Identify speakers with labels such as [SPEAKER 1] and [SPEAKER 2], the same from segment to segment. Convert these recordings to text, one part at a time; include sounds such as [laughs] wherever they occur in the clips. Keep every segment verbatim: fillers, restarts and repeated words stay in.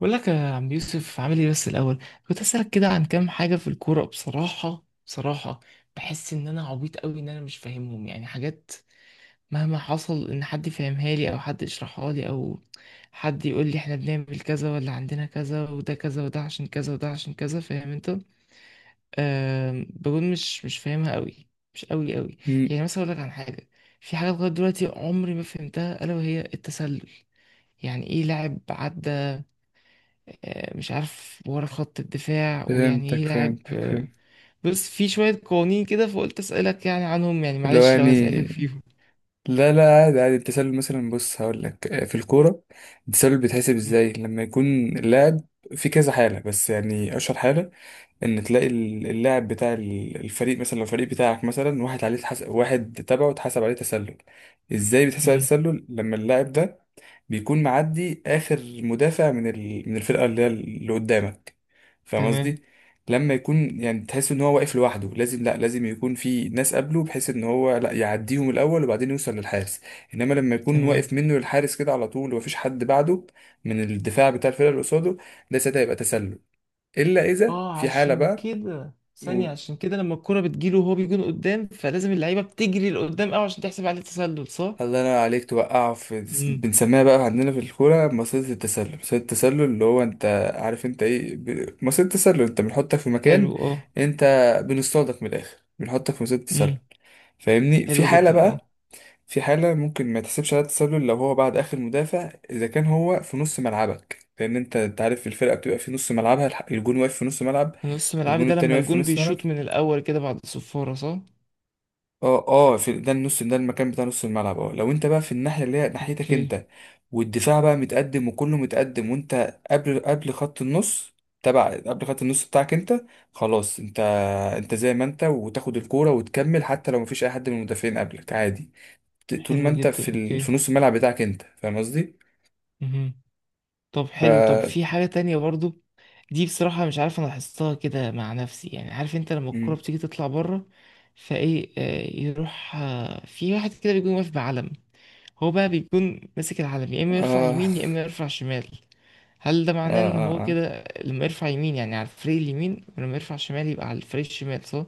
[SPEAKER 1] بقول لك يا عم يوسف، عامل ايه؟ بس الاول كنت اسالك كده عن كام حاجه في الكوره. بصراحه بصراحه بحس ان انا عبيط قوي، ان انا مش فاهمهم، يعني حاجات مهما حصل ان حد يفهمها لي او حد يشرحها لي او حد يقول لي احنا بنعمل كذا ولا عندنا كذا، وده كذا وده عشان كذا وده عشان كذا، فاهم انت؟ أه، بقول مش مش فاهمها قوي، مش قوي قوي.
[SPEAKER 2] مم.
[SPEAKER 1] يعني مثلا اقول لك عن حاجه، في حاجه لغايه دلوقتي عمري ما فهمتها الا وهي التسلل. يعني ايه لاعب عدى آه، مش عارف ورا خط الدفاع، ويعني
[SPEAKER 2] فهمتك
[SPEAKER 1] ايه لاعب
[SPEAKER 2] فهمتك
[SPEAKER 1] آه،
[SPEAKER 2] فهمت
[SPEAKER 1] بص في شوية قوانين كده، فقلت أسألك يعني عنهم، يعني
[SPEAKER 2] اللي هو
[SPEAKER 1] معلش لو
[SPEAKER 2] يعني،
[SPEAKER 1] هزعجك فيهم.
[SPEAKER 2] لا لا، عادي عادي. التسلل مثلا، بص هقول لك، آه، في الكورة التسلل بيتحسب
[SPEAKER 1] مم.
[SPEAKER 2] ازاي؟ لما يكون اللاعب في كذا حالة، بس يعني أشهر حالة ان تلاقي ال- اللاعب بتاع ال- الفريق. مثلا لو الفريق بتاعك مثلا واحد عليه اتحس- واحد تبعه اتحسب عليه تسلل، ازاي بيتحسب عليه
[SPEAKER 1] مم.
[SPEAKER 2] تسلل؟ لما اللاعب ده بيكون معدي اخر مدافع من ال... من الفرقه اللي هي اللي قدامك، فاهم
[SPEAKER 1] تمام.
[SPEAKER 2] قصدي؟ لما يكون يعني تحس ان هو واقف لوحده، لازم لا، لازم يكون في ناس قبله، بحيث ان هو لا يعديهم الاول وبعدين يوصل للحارس. انما لما يكون واقف
[SPEAKER 1] تمام.
[SPEAKER 2] منه للحارس كده على طول ومفيش حد بعده من الدفاع بتاع الفرقه اللي قصاده، ده ساعتها يبقى تسلل. الا اذا
[SPEAKER 1] اه
[SPEAKER 2] في حاله
[SPEAKER 1] عشان
[SPEAKER 2] بقى.
[SPEAKER 1] كده ثانية،
[SPEAKER 2] قول.
[SPEAKER 1] عشان كده لما الكرة بتجيله وهو بيكون قدام فلازم اللعيبة بتجري لقدام قوي عشان تحسب عليه تسلل، صح؟
[SPEAKER 2] الله ينور عليك، توقعه في...
[SPEAKER 1] مم.
[SPEAKER 2] بنسميها بقى عندنا في الكورة مصيدة التسلل. مصيدة التسلل اللي هو انت عارف انت ايه ب- مصيدة التسلل، انت بنحطك في مكان.
[SPEAKER 1] حلو اه.
[SPEAKER 2] انت بنصطادك من الاخر، بنحطك في مصيدة التسلل.
[SPEAKER 1] امم.
[SPEAKER 2] فاهمني؟ في
[SPEAKER 1] حلو
[SPEAKER 2] حالة
[SPEAKER 1] جدا اه.
[SPEAKER 2] بقى، في حالة ممكن ما تحسبش عليها التسلل لو هو بعد اخر مدافع، اذا كان هو في نص ملعبك. لان انت، انت عارف الفرقة بتبقى في نص ملعبها، الح- الجون واقف في نص ملعب
[SPEAKER 1] في نص ملعبي
[SPEAKER 2] والجون
[SPEAKER 1] ده
[SPEAKER 2] التاني
[SPEAKER 1] لما
[SPEAKER 2] واقف في
[SPEAKER 1] الجون
[SPEAKER 2] نص ملعب.
[SPEAKER 1] بيشوط من الأول كده بعد الصفارة، صح؟
[SPEAKER 2] اه اه، في ده النص، ده المكان بتاع نص الملعب. اه لو انت بقى في الناحيه اللي هي ناحيتك
[SPEAKER 1] اوكي.
[SPEAKER 2] انت، والدفاع بقى متقدم وكله متقدم وانت قبل قبل خط النص، تبع قبل خط النص بتاعك انت، خلاص انت، انت زي ما انت وتاخد الكوره وتكمل حتى لو مفيش اي حد من المدافعين قبلك، عادي. ت- طول ما
[SPEAKER 1] حلو
[SPEAKER 2] انت
[SPEAKER 1] جدا.
[SPEAKER 2] في ال...
[SPEAKER 1] اوكي.
[SPEAKER 2] في نص الملعب بتاعك انت، فاهم قصدي؟
[SPEAKER 1] مهم. طب
[SPEAKER 2] ف
[SPEAKER 1] حلو، طب في حاجة تانية برضو. دي بصراحة مش عارف أنا لاحظتها كده مع نفسي، يعني عارف أنت لما الكرة
[SPEAKER 2] مم.
[SPEAKER 1] بتيجي تطلع بره، فإيه آه، يروح آه، في واحد كده بيكون واقف بعلم. هو بقى بيكون ماسك العلم، يا إما يرفع
[SPEAKER 2] اه
[SPEAKER 1] يمين يا إما يرفع شمال. هل ده معناه
[SPEAKER 2] اه
[SPEAKER 1] إن هو
[SPEAKER 2] اه, آه.
[SPEAKER 1] كده لما يرفع يمين يعني على الفريق اليمين، ولما يرفع شمال يبقى على الفريق الشمال، صح؟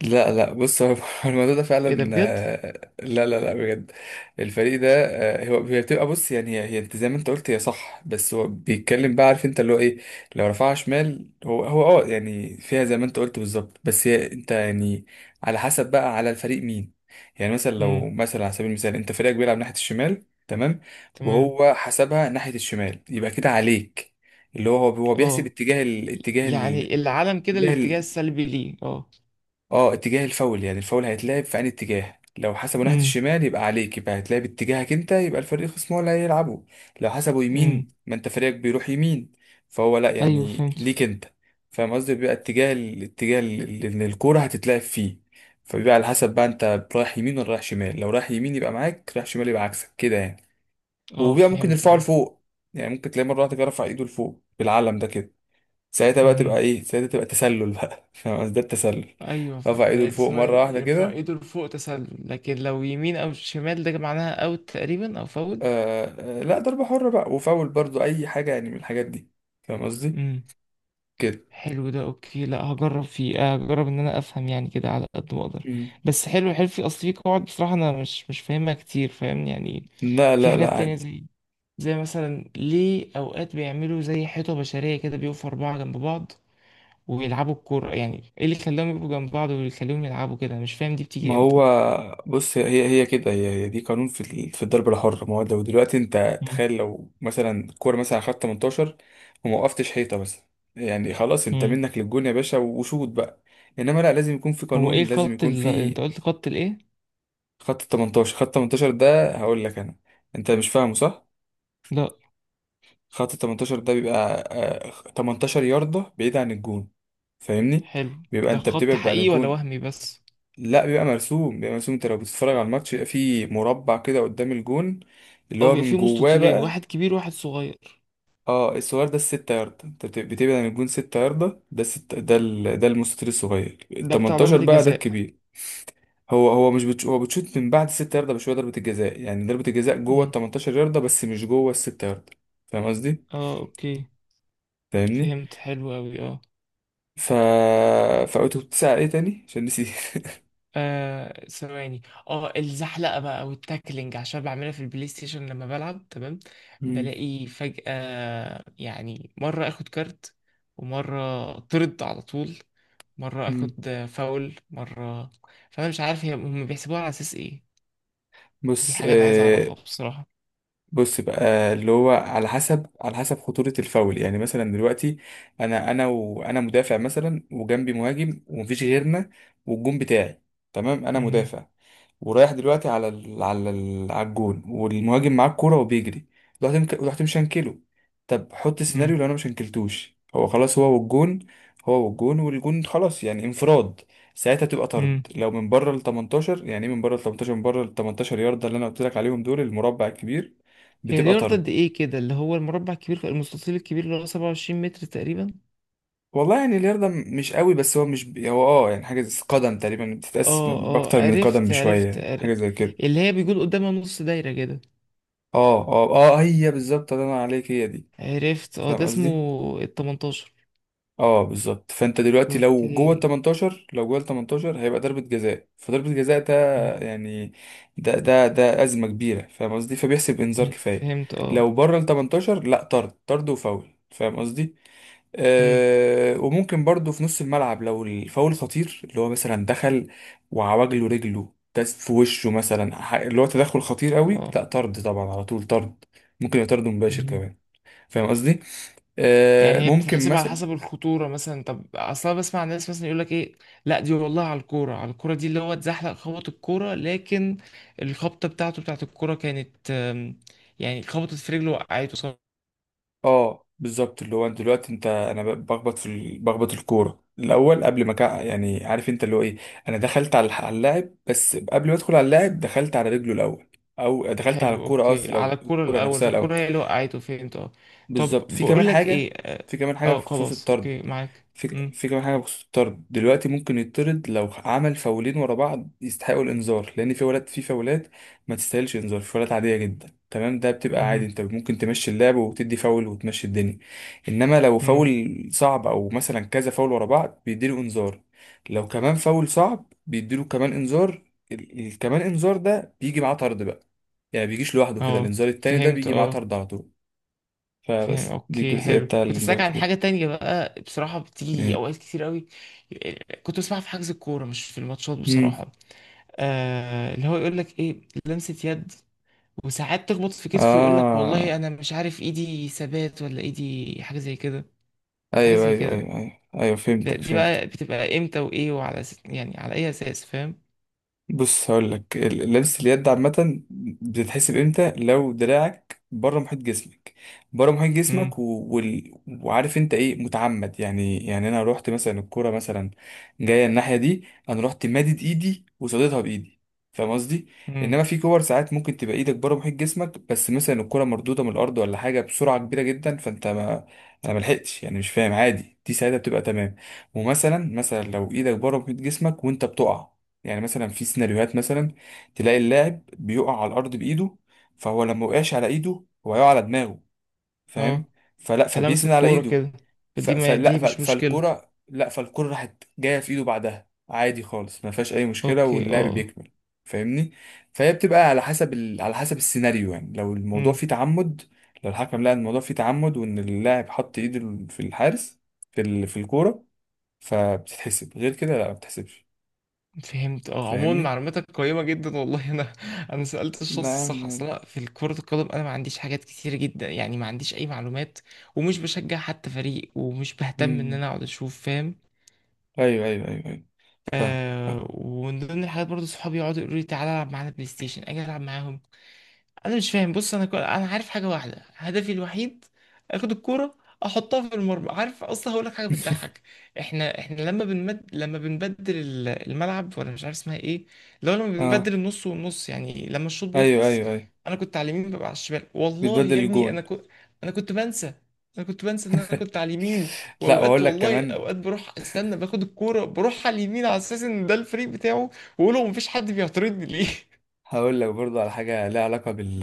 [SPEAKER 2] لا لا، بص هو [laughs] الموضوع ده
[SPEAKER 1] إيه ده
[SPEAKER 2] فعلا،
[SPEAKER 1] بجد؟
[SPEAKER 2] آه، لا لا لا، بجد. الفريق ده، آه، هو هي بتبقى، بص يعني هي، هي انت زي ما انت قلت هي صح، بس هو بيتكلم بقى، عارف انت اللي هو ايه، لو رفعها شمال هو هو اه يعني فيها زي ما انت قلت بالظبط، بس هي انت يعني على حسب بقى على الفريق مين. يعني مثلا
[SPEAKER 1] امم.
[SPEAKER 2] لو مثلا على سبيل المثال، انت فريقك بيلعب ناحية الشمال، تمام،
[SPEAKER 1] تمام.
[SPEAKER 2] وهو حسبها ناحية الشمال، يبقى كده عليك. اللي هو هو هو بيحسب
[SPEAKER 1] اه.
[SPEAKER 2] اتجاه. الاتجاه،
[SPEAKER 1] يعني العلم كده
[SPEAKER 2] الاتجاه
[SPEAKER 1] الاتجاه السلبي ليه اه.
[SPEAKER 2] اه اتجاه الفاول، يعني الفاول هيتلعب في انهي اتجاه، لو حسبه ناحية
[SPEAKER 1] امم.
[SPEAKER 2] الشمال يبقى عليك، يبقى هيتلعب اتجاهك انت، يبقى الفريق الخصم هو اللي هيلعبه. لو حسبه
[SPEAKER 1] امم.
[SPEAKER 2] يمين ما انت فريقك بيروح يمين، فهو لا
[SPEAKER 1] ايوه
[SPEAKER 2] يعني
[SPEAKER 1] فهمت.
[SPEAKER 2] ليك انت. فاهم قصدي؟ بيبقى اتجاه، الاتجاه اللي الكورة هتتلعب فيه. فبيبقى على حسب بقى، انت رايح يمين ولا رايح شمال؟ لو رايح يمين يبقى معاك، رايح شمال يبقى عكسك كده يعني.
[SPEAKER 1] اه
[SPEAKER 2] وبيبقى ممكن
[SPEAKER 1] فهمت.
[SPEAKER 2] الفاول
[SPEAKER 1] اه.
[SPEAKER 2] فوق، يعني ممكن تلاقي مرة واحدة كده رفع ايده لفوق بالعلم ده كده، ساعتها بقى تبقى
[SPEAKER 1] مهم.
[SPEAKER 2] ايه؟ ساعتها تبقى تسلل بقى [laughs] فاهم قصدي؟ ده التسلل.
[SPEAKER 1] ايوه، ف-
[SPEAKER 2] رفع ايده
[SPEAKER 1] ده
[SPEAKER 2] لفوق مره
[SPEAKER 1] ثواني
[SPEAKER 2] واحده
[SPEAKER 1] يرفع
[SPEAKER 2] كده.
[SPEAKER 1] ايده لفوق تسلل، لكن لو يمين او شمال ده معناها اوت تقريبا او فاول.
[SPEAKER 2] آه. آه لا، ضربه حره بقى وفاول برضو اي حاجه يعني من الحاجات دي. فاهم قصدي؟
[SPEAKER 1] امم.
[SPEAKER 2] كده.
[SPEAKER 1] حلو ده، اوكي. لا هجرب فيه، آه، هجرب ان انا افهم يعني كده على قد ما اقدر.
[SPEAKER 2] مم.
[SPEAKER 1] بس حلو حلو، في اصل في قواعد بصراحه انا مش مش فاهمها كتير، فاهمني؟ يعني
[SPEAKER 2] لا
[SPEAKER 1] في
[SPEAKER 2] لا لا،
[SPEAKER 1] حاجات تانية
[SPEAKER 2] عادي.
[SPEAKER 1] زي، زي مثلا ليه اوقات بيعملوا زي حيطه بشريه كده بيقفوا اربعه جنب بعض ويلعبوا الكوره. يعني ايه اللي خلاهم يبقوا جنب بعض ويخليهم يلعبوا كده؟ مش فاهم دي
[SPEAKER 2] ما
[SPEAKER 1] بتيجي امتى.
[SPEAKER 2] هو بص هي هي كده هي, هي دي قانون في ال- في الضربه الحره. ما هو لو دلوقتي انت تخيل لو مثلا الكوره مثلا خدت تمنتاشر وما وقفتش حيطه مثلا، يعني خلاص انت
[SPEAKER 1] مم.
[SPEAKER 2] منك للجون يا باشا وشوط بقى. انما لا، لازم يكون في
[SPEAKER 1] هو ايه
[SPEAKER 2] قانون، لازم
[SPEAKER 1] الخط
[SPEAKER 2] يكون
[SPEAKER 1] اللي
[SPEAKER 2] في
[SPEAKER 1] انت قلت، خط الايه؟
[SPEAKER 2] خط ال تمنتاشر. خط تمنتاشر ده هقول لك انا، انت مش فاهمه صح؟
[SPEAKER 1] لا.
[SPEAKER 2] خط ال تمنتاشر ده بيبقى، آه، تمنتاشر ياردة بعيد عن الجون، فاهمني؟
[SPEAKER 1] حلو
[SPEAKER 2] بيبقى
[SPEAKER 1] ده
[SPEAKER 2] انت
[SPEAKER 1] خط
[SPEAKER 2] بتبعد عن
[SPEAKER 1] حقيقي ولا
[SPEAKER 2] الجون.
[SPEAKER 1] وهمي بس؟
[SPEAKER 2] لا بيبقى مرسوم، بيبقى مرسوم، انت لو بتتفرج على
[SPEAKER 1] اه.
[SPEAKER 2] الماتش بيبقى فيه مربع كده قدام الجون، اللي
[SPEAKER 1] آه،
[SPEAKER 2] هو
[SPEAKER 1] بيبقى
[SPEAKER 2] من
[SPEAKER 1] فيه
[SPEAKER 2] جواه
[SPEAKER 1] مستطيلين،
[SPEAKER 2] بقى.
[SPEAKER 1] واحد كبير وواحد صغير.
[SPEAKER 2] اه الصغير ده الستة ياردة، انت بت- بتبعد عن الجون ستة ياردة، ده الست، ده ال... ده المستطيل الصغير، ال
[SPEAKER 1] ده بتاع ضربة
[SPEAKER 2] تمنتاشر بقى ده
[SPEAKER 1] الجزاء؟
[SPEAKER 2] الكبير. هو هو مش بتش... هو بتشوت من بعد الست ياردة بشوية، ضربة الجزاء يعني ضربة الجزاء جوه ال
[SPEAKER 1] امم.
[SPEAKER 2] تمنتاشر ياردة بس مش جوه الست ياردة. فاهم قصدي؟
[SPEAKER 1] اه اوكي.
[SPEAKER 2] فاهمني؟
[SPEAKER 1] فهمت. حلو اوي اه.
[SPEAKER 2] ف فقلت كنت ساعة ايه تاني؟ عشان نسيت.
[SPEAKER 1] آه، ثواني. اه، الزحلقة بقى والتاكلينج، عشان بعملها في البلاي ستيشن لما بلعب. تمام.
[SPEAKER 2] [laughs] مم.
[SPEAKER 1] بلاقي فجأة يعني مرة اخد كارت، ومرة طرد على طول، مرة
[SPEAKER 2] مم.
[SPEAKER 1] اخد فاول، مرة. فانا مش عارف هي- هم بيحسبوها على اساس ايه. دي
[SPEAKER 2] بص
[SPEAKER 1] حاجة أنا عايز
[SPEAKER 2] آه...
[SPEAKER 1] أعرفها بصراحة.
[SPEAKER 2] بص بقى اللي هو على حسب، على حسب خطورة الفاول. يعني مثلا دلوقتي انا انا وانا مدافع مثلا وجنبي مهاجم ومفيش غيرنا والجون بتاعي، تمام، انا
[SPEAKER 1] مهم.
[SPEAKER 2] مدافع ورايح دلوقتي على ال... على ال... على الجون والمهاجم معاه الكورة وبيجري، رحت مك... رحت مشنكله. طب حط سيناريو
[SPEAKER 1] مم.
[SPEAKER 2] لو انا مشنكلتوش هو، خلاص هو والجون، هو والجون والجون خلاص يعني انفراد. ساعتها تبقى طرد
[SPEAKER 1] مم.
[SPEAKER 2] لو من بره ال تمنتاشر. يعني ايه من بره ال تمنتاشر؟ من بره ال تمنتاشر يارده، اللي انا قلت لك عليهم دول المربع الكبير،
[SPEAKER 1] هي
[SPEAKER 2] بتبقى
[SPEAKER 1] دي أرض قد
[SPEAKER 2] طرد.
[SPEAKER 1] إيه كده، اللي هو المربع الكبير، المستطيل الكبير اللي هو سبعة وعشرين متر تقريبا.
[SPEAKER 2] والله يعني اليردة مش قوي، بس هو مش ب... هو اه يعني حاجة زي قدم تقريبا، بتتقاس
[SPEAKER 1] اه اه،
[SPEAKER 2] بأكتر من قدم
[SPEAKER 1] عرفت عرفت
[SPEAKER 2] بشوية، حاجة
[SPEAKER 1] عر...
[SPEAKER 2] زي كده.
[SPEAKER 1] اللي هي بيكون قدامها نص دايرة كده.
[SPEAKER 2] اه اه اه، هي بالظبط، الله ينور عليك، هي دي.
[SPEAKER 1] عرفت اه،
[SPEAKER 2] فاهم
[SPEAKER 1] ده اسمه
[SPEAKER 2] قصدي؟
[SPEAKER 1] ال تمنتاشر.
[SPEAKER 2] اه بالظبط. فانت دلوقتي لو جوه ال
[SPEAKER 1] اوكي.
[SPEAKER 2] تمنتاشر، لو جوه ال تمنتاشر هيبقى ضربة جزاء. فضربة جزاء ده
[SPEAKER 1] مم.
[SPEAKER 2] يعني، ده ده ده أزمة كبيرة. فاهم قصدي؟ فبيحسب إنذار
[SPEAKER 1] مم.
[SPEAKER 2] كفاية.
[SPEAKER 1] فهمت اه.
[SPEAKER 2] لو بره ال ثمانية عشر لا، طرد. طرد وفاول. فاهم قصدي؟
[SPEAKER 1] مم.
[SPEAKER 2] آه، وممكن برضو في نص الملعب لو الفاول خطير، اللي هو مثلا دخل وعوجله رجله داس في وشه مثلا، ح- اللي هو تدخل خطير قوي،
[SPEAKER 1] اه.
[SPEAKER 2] لا طرد طبعا، على طول طرد. ممكن يبقى طرد مباشر
[SPEAKER 1] مهم.
[SPEAKER 2] كمان. فاهم قصدي. آه،
[SPEAKER 1] يعني هي
[SPEAKER 2] ممكن
[SPEAKER 1] بتتحسب على
[SPEAKER 2] مثلا.
[SPEAKER 1] حسب الخطورة مثلا. طب أصلا بسمع ناس مثلا يقول لك إيه، لا دي والله على الكورة، على الكورة دي اللي هو اتزحلق خبط الكورة، لكن الخبطة بتاعته بتاعت الكورة كانت آم، يعني خبطت في رجله وقعته، صح.
[SPEAKER 2] اه بالظبط، اللي هو انت دلوقتي انت، انا ب- بخبط في ال- بخبط الكوره الاول قبل ما كا- يعني عارف انت اللي هو ايه، انا دخلت على الح- على اللاعب، بس قبل ما ادخل على اللاعب دخلت على رجله الاول، او دخلت على
[SPEAKER 1] حلو
[SPEAKER 2] الكوره قصدي
[SPEAKER 1] أوكي، على
[SPEAKER 2] الاول،
[SPEAKER 1] الكورة
[SPEAKER 2] الكوره
[SPEAKER 1] الأول،
[SPEAKER 2] نفسها الاول.
[SPEAKER 1] فالكورة هي اللي وقعته. فهمت أه. طب
[SPEAKER 2] بالظبط. في كمان
[SPEAKER 1] بقول لك
[SPEAKER 2] حاجة.
[SPEAKER 1] إيه، أه.
[SPEAKER 2] في كمان حاجة في
[SPEAKER 1] آه،
[SPEAKER 2] خصوص
[SPEAKER 1] خلاص
[SPEAKER 2] الطرد.
[SPEAKER 1] أوكي معاك.
[SPEAKER 2] في,
[SPEAKER 1] مم،
[SPEAKER 2] في كمان حاجة بخصوص الطرد. دلوقتي ممكن يطرد لو عمل فاولين ورا بعض يستحقوا الإنذار، لأن في ولاد في فاولات ما تستاهلش إنذار، في فاولات عادية جدا، تمام؟ ده بتبقى عادي،
[SPEAKER 1] مهم.
[SPEAKER 2] أنت ممكن تمشي اللعب وتدي فاول وتمشي الدنيا. إنما لو
[SPEAKER 1] مم.
[SPEAKER 2] فاول صعب، أو مثلا كذا فاول ورا بعض بيديله إنذار، لو كمان فاول صعب بيديله كمان إنذار. ال- ال- كمان إنذار ده بيجي معاه طرد بقى. يعني بيجيش لوحده كده،
[SPEAKER 1] أه
[SPEAKER 2] الإنذار التاني ده
[SPEAKER 1] فهمت
[SPEAKER 2] بيجي معاه
[SPEAKER 1] أه.
[SPEAKER 2] طرد على طول.
[SPEAKER 1] فاهم
[SPEAKER 2] فبس دي
[SPEAKER 1] اوكي
[SPEAKER 2] الجزئية
[SPEAKER 1] حلو.
[SPEAKER 2] بتاع
[SPEAKER 1] كنت
[SPEAKER 2] الانذار
[SPEAKER 1] اسالك عن
[SPEAKER 2] كده.
[SPEAKER 1] حاجه تانية بقى بصراحه، بتيجي اوقات كتير قوي، كنت بسمعها في حجز الكوره مش في الماتشات
[SPEAKER 2] مم.
[SPEAKER 1] بصراحه. آه اللي هو يقول لك ايه، لمسه يد. وساعات تخبط في كتفه، يقول لك والله
[SPEAKER 2] اه،
[SPEAKER 1] انا مش عارف ايدي ثبات ولا ايدي، حاجه زي كده. حاجه
[SPEAKER 2] ايوه
[SPEAKER 1] زي
[SPEAKER 2] ايوه
[SPEAKER 1] كده.
[SPEAKER 2] ايوه ايوه ايوه
[SPEAKER 1] ده،
[SPEAKER 2] فهمتك
[SPEAKER 1] دي بقى
[SPEAKER 2] فهمت
[SPEAKER 1] بتبقى امتى وايه وعلى أس... يعني على اي اساس، فاهم؟
[SPEAKER 2] بص هقول لك لبس اليد عامة بتتحسب امتى؟ لو دراعك بره محيط جسمك، بره محيط
[SPEAKER 1] امم.
[SPEAKER 2] جسمك، و... وال... وعارف انت ايه، متعمد يعني. يعني انا رحت مثلا، الكرة مثلا جاية الناحية دي، انا رحت مادد ايدي وصديتها بايدي. فاهم قصدي؟
[SPEAKER 1] امم.
[SPEAKER 2] انما في كور ساعات ممكن تبقى ايدك بره محيط جسمك، بس مثلا الكرة مردودة من الارض ولا حاجة بسرعة كبيرة جدا، فانت ما، انا ملحقتش يعني مش فاهم، عادي دي ساعتها بتبقى تمام. ومثلا مثلا لو ايدك بره محيط جسمك وانت بتقع، يعني مثلا في سيناريوهات، مثلا تلاقي اللاعب بيقع على الارض بايده، فهو لما وقعش على ايده هو يقع على دماغه، فاهم؟
[SPEAKER 1] اه.
[SPEAKER 2] فلا،
[SPEAKER 1] فلمس
[SPEAKER 2] فبيسند على
[SPEAKER 1] الكوره
[SPEAKER 2] ايده.
[SPEAKER 1] كده.
[SPEAKER 2] ف-
[SPEAKER 1] فدي، ما
[SPEAKER 2] فلا،
[SPEAKER 1] دي
[SPEAKER 2] ف-
[SPEAKER 1] مش مشكله.
[SPEAKER 2] فالكرة لا، فالكرة راحت جاية في ايده بعدها عادي خالص، ما فيهاش اي مشكلة
[SPEAKER 1] اوكي
[SPEAKER 2] واللعب
[SPEAKER 1] اه.
[SPEAKER 2] بيكمل. فاهمني؟ فهي بتبقى على حسب ال... على حسب السيناريو. يعني لو الموضوع
[SPEAKER 1] امم.
[SPEAKER 2] فيه تعمد، لو الحكم لقى إن الموضوع فيه تعمد وان اللاعب حط ايده في الحارس في ال... في الكورة، فبتتحسب. غير كده لا، ما بتتحسبش.
[SPEAKER 1] فهمت اه. عموما
[SPEAKER 2] فاهمني؟
[SPEAKER 1] معلوماتك قيمة جدا والله، انا انا سألت الشخص
[SPEAKER 2] لا.
[SPEAKER 1] الصح اصلا في كرة القدم. انا ما عنديش حاجات كتير جدا، يعني ما عنديش اي معلومات، ومش بشجع حتى فريق، ومش بهتم ان
[SPEAKER 2] مم.
[SPEAKER 1] انا اقعد اشوف، فاهم؟
[SPEAKER 2] ايوه ايوه ايوه ايوه فاهم فاهم.
[SPEAKER 1] آه، ومن ضمن الحاجات برضو صحابي يقعدوا يقولوا لي تعالى العب معانا بلاي ستيشن، اجي العب معاهم. انا مش فاهم، بص، انا كل... انا عارف حاجه واحده، هدفي الوحيد اخد الكوره احطها في المرمى. عارف اصلا، هقول لك حاجه
[SPEAKER 2] [laughs]
[SPEAKER 1] بتضحك. احنا احنا لما بنمد... لما بنبدل ال- الملعب، ولا مش عارف اسمها ايه، لو لما
[SPEAKER 2] اه،
[SPEAKER 1] بنبدل النص والنص يعني لما الشوط
[SPEAKER 2] ايوه
[SPEAKER 1] بيخلص،
[SPEAKER 2] ايوه ايوه
[SPEAKER 1] انا كنت على اليمين ببقى على الشمال. والله
[SPEAKER 2] بتبدل
[SPEAKER 1] يا ابني انا
[SPEAKER 2] الجون.
[SPEAKER 1] كنت، انا كنت بنسى. انا كنت بنسى ان انا كنت
[SPEAKER 2] [laughs]
[SPEAKER 1] على اليمين،
[SPEAKER 2] لا،
[SPEAKER 1] واوقات
[SPEAKER 2] واقول لك
[SPEAKER 1] والله
[SPEAKER 2] كمان،
[SPEAKER 1] اوقات بروح استنى باخد الكوره بروح على اليمين على اساس ان ده الفريق بتاعه، واقول له مفيش حد بيعترضني ليه.
[SPEAKER 2] هقول لك برضو على حاجه ليها علاقه بال،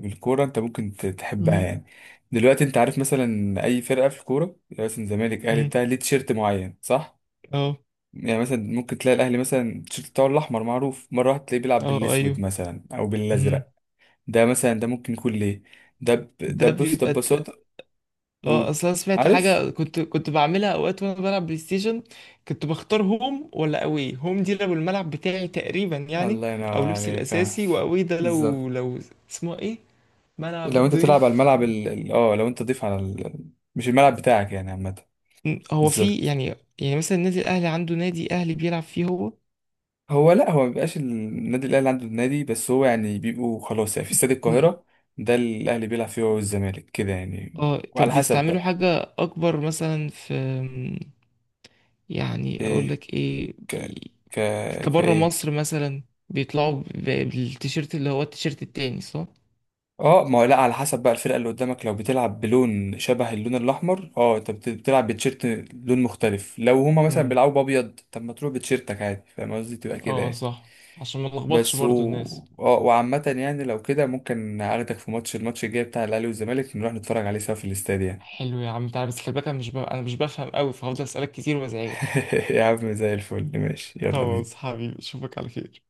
[SPEAKER 2] بالكوره انت ممكن ت- تحبها يعني.
[SPEAKER 1] [laughs]
[SPEAKER 2] دلوقتي انت عارف مثلا اي فرقه في الكوره يعني، مثلا زمالك، اهلي،
[SPEAKER 1] مم.
[SPEAKER 2] بتاع ليه تيشيرت معين صح؟
[SPEAKER 1] امم.
[SPEAKER 2] يعني مثلا ممكن تلاقي الاهلي مثلا التيشيرت بتاعه الاحمر معروف، مره واحده تلاقيه بيلعب
[SPEAKER 1] اه.
[SPEAKER 2] بالاسود
[SPEAKER 1] ايوه.
[SPEAKER 2] مثلا او
[SPEAKER 1] مهم.
[SPEAKER 2] بالازرق. ده مثلا ده ممكن يكون ليه. ده ب... ده
[SPEAKER 1] ده
[SPEAKER 2] بص، ده
[SPEAKER 1] بيبقى ت-
[SPEAKER 2] ببساطه.
[SPEAKER 1] اه
[SPEAKER 2] قول.
[SPEAKER 1] اصل انا سمعت
[SPEAKER 2] عارف
[SPEAKER 1] حاجه كنت كنت بعملها اوقات وانا بلعب بلاي ستيشن. كنت بختار هوم ولا اوي، هوم دي لو الملعب بتاعي تقريبا يعني،
[SPEAKER 2] الله
[SPEAKER 1] او
[SPEAKER 2] ينور
[SPEAKER 1] لبسي
[SPEAKER 2] عليك، اه
[SPEAKER 1] الاساسي، واوي ده لو
[SPEAKER 2] بالظبط.
[SPEAKER 1] لو اسمه ايه،
[SPEAKER 2] لو
[SPEAKER 1] ملعب
[SPEAKER 2] انت تلعب على
[SPEAKER 1] ضيف.
[SPEAKER 2] الملعب ال... ال- اه لو انت تضيف على ال... مش الملعب بتاعك يعني عامة.
[SPEAKER 1] م، هو في
[SPEAKER 2] بالظبط.
[SPEAKER 1] يعني. يعني مثلا النادي الاهلي عنده نادي اهلي بيلعب فيه هو.
[SPEAKER 2] هو لا، هو ما بيبقاش النادي الاهلي عنده النادي بس، هو يعني بيبقوا خلاص يعني في استاد
[SPEAKER 1] م.
[SPEAKER 2] القاهرة، ده الاهلي بيلعب فيه هو والزمالك كده يعني،
[SPEAKER 1] اه
[SPEAKER 2] وعلى
[SPEAKER 1] طب
[SPEAKER 2] حسب
[SPEAKER 1] بيستعملوا
[SPEAKER 2] بقى.
[SPEAKER 1] حاجه اكبر مثلا في، يعني اقول
[SPEAKER 2] ايه.
[SPEAKER 1] لك ايه،
[SPEAKER 2] ك ك
[SPEAKER 1] كبره
[SPEAKER 2] كايه.
[SPEAKER 1] مصر مثلا، بيطلعوا ب- بالتيشيرت اللي هو التيشيرت التاني، صح؟
[SPEAKER 2] اه ما هو لا، على حسب بقى الفرقة اللي قدامك، لو بتلعب بلون شبه اللون الاحمر اه انت بت- بتلعب بتيشيرت لون مختلف. لو هما مثلا
[SPEAKER 1] امم.
[SPEAKER 2] بيلعبوا بابيض، طب ما تروح بتيشيرتك عادي، فاهم قصدي؟ تبقى كده
[SPEAKER 1] اه
[SPEAKER 2] يعني.
[SPEAKER 1] صح، عشان ما نلخبطش
[SPEAKER 2] بس و...
[SPEAKER 1] برضو الناس.
[SPEAKER 2] اه وعامة يعني، لو كده ممكن اخدك في ماتش، الماتش الجاي بتاع الاهلي والزمالك نروح نتفرج عليه سوا في الاستاد يعني.
[SPEAKER 1] حلو يا عم تعالى، بس خلي بالك انا مش ب... انا مش بفهم قوي، فهفضل اسالك كتير وازعجك.
[SPEAKER 2] [laughs] يا عم زي الفل، ماشي، يلا بينا.
[SPEAKER 1] خلاص حبيبي، اشوفك على خير.